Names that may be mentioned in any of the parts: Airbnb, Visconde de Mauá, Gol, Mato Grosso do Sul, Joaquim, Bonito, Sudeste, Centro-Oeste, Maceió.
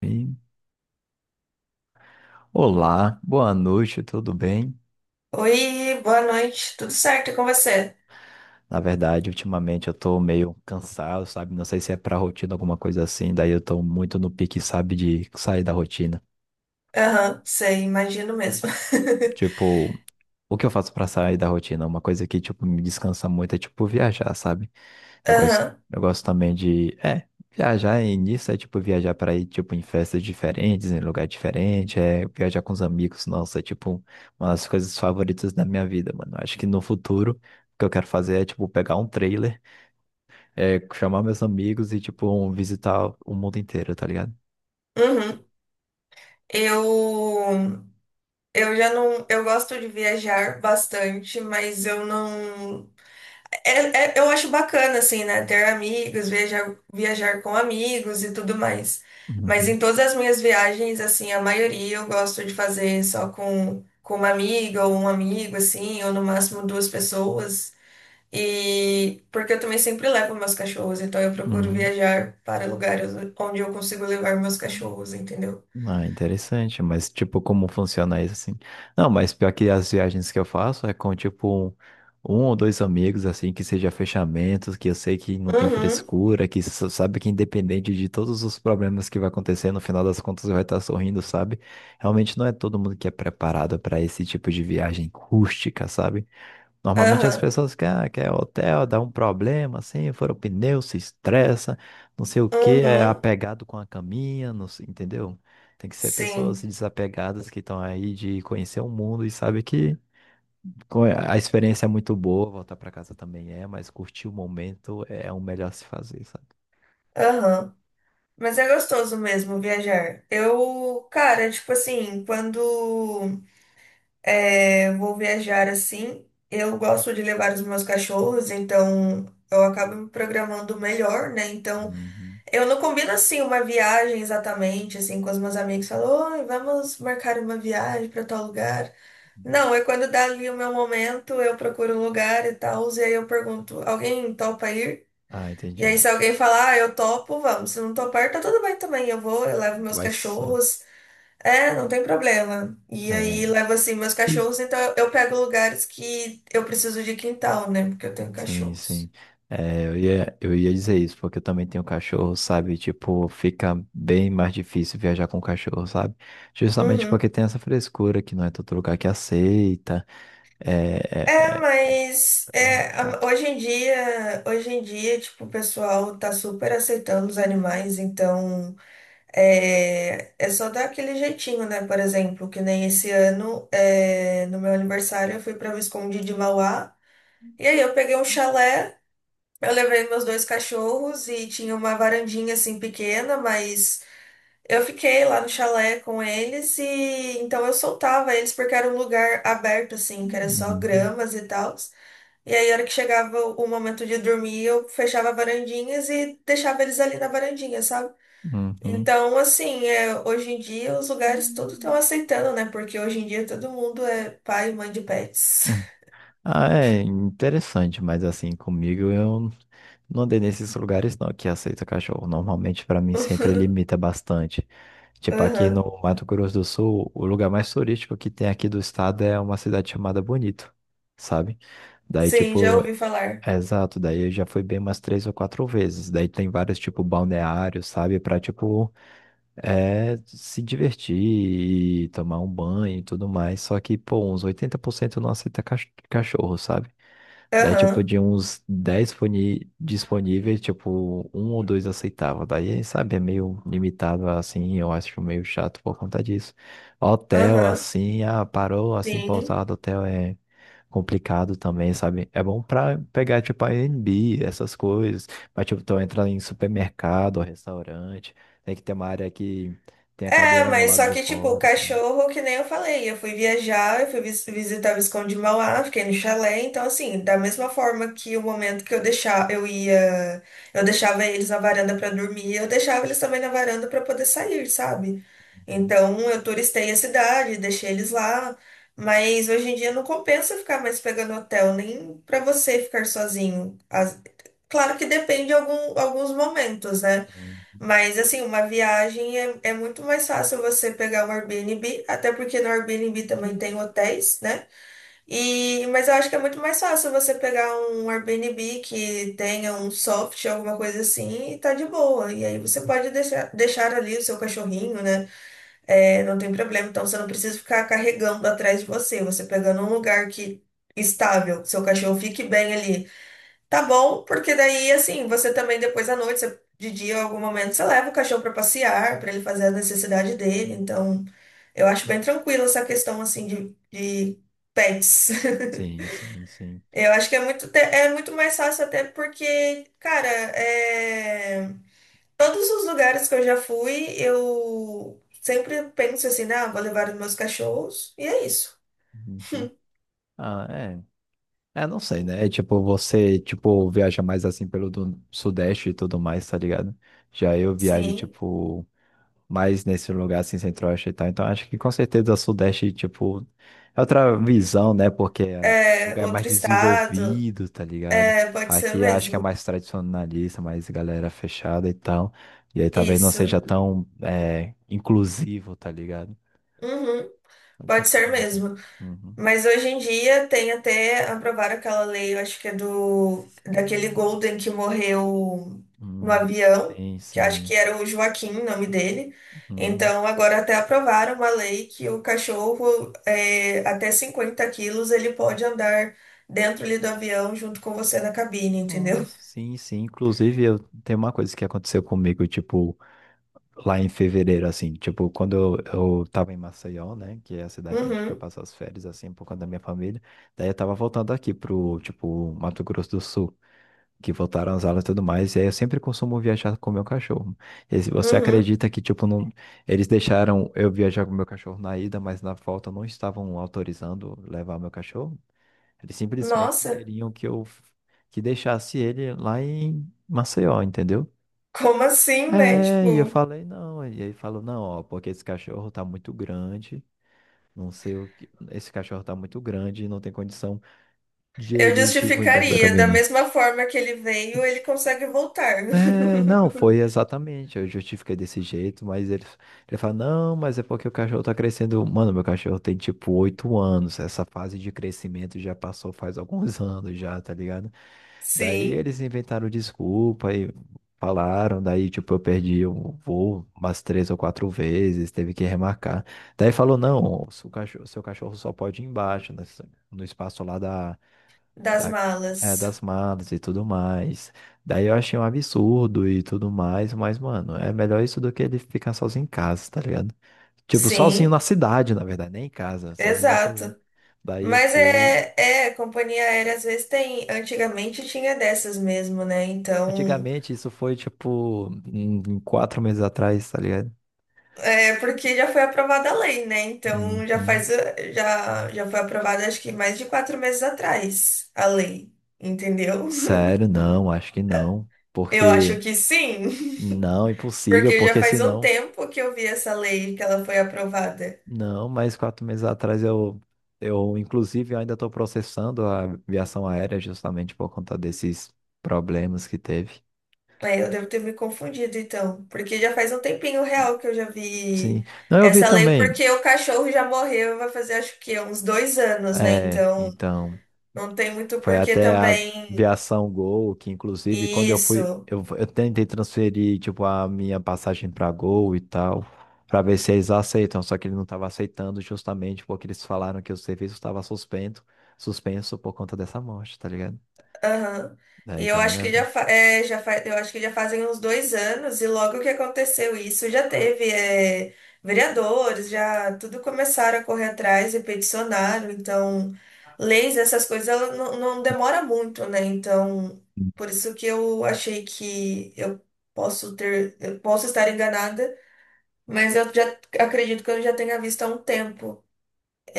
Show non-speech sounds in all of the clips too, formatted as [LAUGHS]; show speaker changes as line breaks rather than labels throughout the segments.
E, Olá, boa noite, tudo bem?
Oi, boa noite. Tudo certo e com você?
Na verdade, ultimamente eu tô meio cansado, sabe? Não sei se é pra rotina, alguma coisa assim, daí eu tô muito no pique, sabe, de sair da rotina.
Aham, sei, imagino mesmo.
Tipo, o que eu faço pra sair da rotina? Uma coisa que, tipo, me descansa muito é, tipo, viajar, sabe?
[LAUGHS]
Eu gosto,
Aham,
eu gosto também de, viajar e nisso é tipo viajar para ir tipo em festas diferentes, em lugar diferente, é viajar com os amigos, nossa, é tipo uma das coisas favoritas da minha vida, mano. Acho que no futuro o que eu quero fazer é tipo pegar um trailer, chamar meus amigos e tipo visitar o mundo inteiro, tá ligado?
uhum. Eu, eu já não, eu gosto de viajar bastante, mas eu não, eu acho bacana assim, né? Ter amigos, viajar, viajar com amigos e tudo mais. Mas em
Uhum,
todas as minhas viagens, assim, a maioria eu gosto de fazer só com uma amiga ou um amigo, assim, ou no máximo duas pessoas. E porque eu também sempre levo meus cachorros, então eu procuro
uhum.
viajar para lugares onde eu consigo levar meus cachorros, entendeu?
Ah, interessante, mas tipo, como funciona isso assim? Não, mas pior que as viagens que eu faço é com tipo um ou dois amigos, assim, que seja fechamentos, que eu sei que não tem
Uhum,
frescura, que sabe que independente de todos os problemas que vai acontecer, no final das contas vai estar sorrindo, sabe? Realmente não é todo mundo que é preparado para esse tipo de viagem rústica, sabe? Normalmente as
aham,
pessoas querem, quer hotel, dá um problema, assim, fura o pneu, se estressa, não sei o que, é
uhum,
apegado com a caminha, não sei, entendeu? Tem que ser pessoas
sim,
desapegadas que estão aí de conhecer o mundo e sabe que a experiência é muito boa, voltar para casa também é, mas curtir o momento é o melhor a se fazer, sabe?
aham. Mas é gostoso mesmo viajar. Eu, cara, tipo assim, quando vou viajar assim, eu gosto de levar os meus cachorros, então eu acabo me programando melhor, né? Então
Uhum.
eu não combino assim uma viagem exatamente, assim, com os meus amigos. Falou, "Oi, vamos marcar uma viagem para tal lugar." Não, é quando dá ali o meu momento, eu procuro um lugar e tal, e aí eu pergunto, alguém topa ir?
Ah,
E aí
entendi.
se alguém falar, ah, eu topo, vamos. Se não topar, tá tudo bem também, eu vou, eu levo meus
Vai só.
cachorros. É, não tem problema. E aí
É.
levo assim meus cachorros, então eu pego lugares que eu preciso de quintal, né? Porque eu tenho
Sim,
cachorros.
sim. É, eu ia dizer isso, porque eu também tenho cachorro, sabe? Tipo, fica bem mais difícil viajar com cachorro, sabe? Justamente
Uhum.
porque tem essa frescura que não é todo lugar que aceita. É,
É,
é,
mas
é
é,
chato.
hoje em dia, tipo, o pessoal tá super aceitando os animais, então é, é só dar aquele jeitinho, né? Por exemplo, que nem esse ano, é, no meu aniversário, eu fui pra Visconde de Mauá, e aí eu peguei um chalé, eu levei meus dois cachorros e tinha uma varandinha assim pequena, mas eu fiquei lá no chalé com eles e então eu soltava eles porque era um lugar aberto, assim, que era só
Uhum.
gramas e tal. E aí, a hora que chegava o momento de dormir, eu fechava varandinhas e deixava eles ali na varandinha, sabe?
Uhum.
Então, assim, é, hoje em dia os lugares tudo estão aceitando, né? Porque hoje em dia todo mundo é pai e mãe de pets.
Uhum. Ah, é interessante, mas assim, comigo eu não andei nesses lugares não que aceita cachorro. Normalmente, pra mim, sempre limita
[LAUGHS]
bastante. Tipo, aqui
Aham.
no Mato Grosso do Sul, o lugar mais turístico que tem aqui do estado é uma cidade chamada Bonito, sabe? Daí,
Sim, já
tipo,
ouvi falar.
é exato, daí eu já fui bem umas três ou quatro vezes. Daí tem vários, tipo, balneários, sabe? Pra, tipo, se divertir e tomar um banho e tudo mais. Só que, pô, uns 80% não aceita cachorro, sabe? Daí, tipo,
Aham,
de uns 10 disponíveis, tipo, um ou dois aceitavam. Daí, sabe, é meio limitado assim, eu acho meio chato por conta disso. Hotel,
aham,
assim, ah, parou, assim,
sim.
pousada, hotel é complicado também, sabe? É bom pra pegar, tipo, Airbnb, essas coisas. Mas, tipo, tu entra em supermercado, restaurante, tem que ter uma área que tem a
É,
cadeira no
mas
lado
só
de
que, tipo, o
fora, tudo.
cachorro, que nem eu falei, eu fui viajar, eu fui visitar o Visconde de Mauá, fiquei no chalé, então, assim, da mesma forma que o momento que eu deixava, eu ia, eu deixava eles na varanda pra dormir, eu deixava eles também na varanda pra poder sair, sabe?
Uhum.
Então, eu turistei a cidade, deixei eles lá, mas hoje em dia não compensa ficar mais pegando hotel, nem pra você ficar sozinho. As- Claro que depende de algum, alguns momentos, né?
Uhum.
Mas, assim, uma viagem é muito mais fácil você pegar um Airbnb, até porque no Airbnb também tem hotéis, né? E, mas eu acho que é muito mais fácil você pegar um Airbnb que tenha um soft, alguma coisa assim, e tá de boa. E aí você pode deixar ali o seu cachorrinho, né? É, não tem problema. Então você não precisa ficar carregando atrás de você, você pegando um lugar que estável, que seu cachorro fique bem ali. Tá bom, porque daí, assim, você também depois à noite, você- de dia, em algum momento, você leva o cachorro pra passear, pra ele fazer a necessidade dele. Então, eu acho bem tranquilo essa questão, assim, de pets.
Sim,
[LAUGHS]
sim, sim, sim.
Eu acho que é muito, é muito mais fácil até porque, cara, é, todos os lugares que eu já fui, eu sempre penso assim, ah, vou levar os meus cachorros, e é isso.
Uhum. Ah, é. É, não sei, né? É, tipo, você, tipo, viaja mais assim pelo do Sudeste e tudo mais, tá ligado? Já eu viajo,
Sim,
tipo, mais nesse lugar assim, Centro-Oeste e tal. Então, acho que com certeza o Sudeste, tipo, é outra visão, né? Porque é um
é
lugar mais
outro estado,
desenvolvido, tá ligado?
é, pode ser
Aqui acho que é
mesmo.
mais tradicionalista, mais galera fechada e tal. E aí talvez não seja
Isso.
tão, inclusivo, tá ligado?
Uhum.
Não tem
Pode
muita
ser
divisão.
mesmo.
Uhum.
Mas hoje em dia tem até aprovaram aquela lei, eu acho que é do daquele
Sim.
Golden que morreu no
Hum,
avião,
sim,
que acho que
sim.
era o Joaquim, o nome dele.
Uhum.
Então agora até aprovaram uma lei que o cachorro é, até 50 quilos ele pode andar dentro ali do avião junto com você na cabine, entendeu?
Nossa, sim, sim. Inclusive, eu tem uma coisa que aconteceu comigo, tipo, lá em fevereiro, assim, tipo, quando eu tava em Maceió, né, que é a cidade onde que eu
Uhum,
passo as férias, assim, por conta da minha família, daí eu tava voltando aqui pro, tipo, Mato Grosso do Sul, que voltaram as aulas e tudo mais, e aí eu sempre costumo viajar com o meu cachorro. E se você
uhum.
acredita que, tipo, não, eles deixaram eu viajar com o meu cachorro na ida, mas na volta não estavam autorizando levar meu cachorro? Eles simplesmente
Nossa,
queriam que eu que deixasse ele lá em Maceió, entendeu?
como assim, né?
É, e eu
Tipo.
falei não. E ele falou, não, ó, porque esse cachorro tá muito grande, não sei o que. Esse cachorro tá muito grande e não tem condição de
Eu
ele, tipo, embaixo da
justificaria, da
cabine.
mesma forma que ele veio, ele consegue voltar.
É, não,
[LAUGHS]
foi exatamente. Eu justifiquei desse jeito, mas ele fala: não, mas é porque o cachorro tá crescendo. Mano, meu cachorro tem tipo 8 anos. Essa fase de crescimento já passou faz alguns [LAUGHS] anos já, tá ligado? Daí
Sim,
eles inventaram desculpa e falaram. Daí, tipo, eu perdi o voo umas três ou quatro vezes, teve que remarcar. Daí falou: não, o seu cachorro só pode ir embaixo, no espaço lá
das
da,
malas.
das malas e tudo mais. Daí eu achei um absurdo e tudo mais, mas, mano, é melhor isso do que ele ficar sozinho em casa, tá ligado? Tipo, sozinho
Sim,
na cidade, na verdade, nem em casa, sozinho na cidade.
exato.
Daí eu
Mas
fui.
é, é, companhia aérea às vezes tem, antigamente tinha dessas mesmo, né? Então,
Antigamente, isso foi, tipo, em 4 meses atrás, tá ligado?
é porque já foi aprovada a lei, né? Então já
Uhum.
faz, eh, já, já foi aprovada acho que mais de 4 meses atrás a lei, entendeu? [LAUGHS]
Sério, não, acho que não.
Eu acho
Porque,
que sim,
não,
[LAUGHS]
impossível,
porque já
porque
faz um
senão.
tempo que eu vi essa lei que ela foi aprovada.
Não, mas 4 meses atrás eu inclusive, eu ainda estou processando a aviação aérea justamente por conta desses problemas que teve.
É, eu devo ter me confundido, então. Porque já faz um tempinho real que eu já
Sim.
vi
Não, eu vi
essa lei,
também.
porque o cachorro já morreu, vai fazer acho que uns 2 anos, né?
É,
Então,
então,
não tem muito
foi
porquê
até a
também
aviação Gol, que inclusive, quando eu fui,
isso.
eu tentei transferir, tipo, a minha passagem para Gol e tal, para ver se eles aceitam, só que ele não estava aceitando justamente porque eles falaram que o serviço estava suspenso, por conta dessa morte, tá ligado?
Aham. E
Daí
eu
tava
acho que já,
nessa.
fa é, já fa eu acho que já fazem uns 2 anos, e logo que aconteceu isso, já teve é, vereadores, já tudo começaram a correr atrás e peticionaram, então leis, essas coisas, ela não, não demora muito, né? Então, por isso que eu achei que eu posso ter, eu posso estar enganada, mas eu já acredito que eu já tenha visto há um tempo.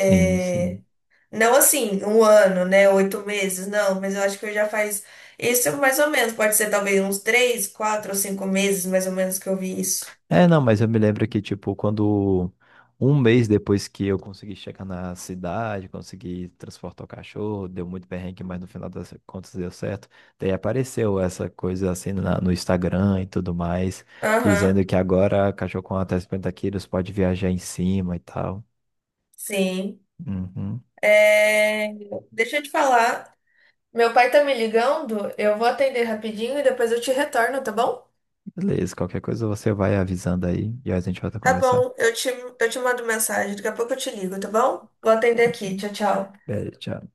Sim, sim.
não assim, um ano, né? 8 meses, não, mas eu acho que eu já faz isso mais ou menos. Pode ser talvez uns 3, 4 ou 5 meses, mais ou menos, que eu vi isso.
É, não, mas eu me lembro que, tipo, quando um mês depois que eu consegui chegar na cidade, consegui transportar o cachorro, deu muito perrengue, mas no final das contas deu certo. Daí apareceu essa coisa assim no Instagram e tudo mais,
Aham,
dizendo que agora cachorro com até 50 quilos pode viajar em cima e tal.
sim.
Uhum.
É, deixa eu te falar. Meu pai tá me ligando, eu vou atender rapidinho e depois eu te retorno, tá bom?
Beleza, qualquer coisa você vai avisando aí e a gente volta a
Tá
conversar.
bom, eu te mando mensagem. Daqui a pouco eu te ligo, tá bom? Vou atender aqui. Tchau, tchau.
Beleza. Tchau.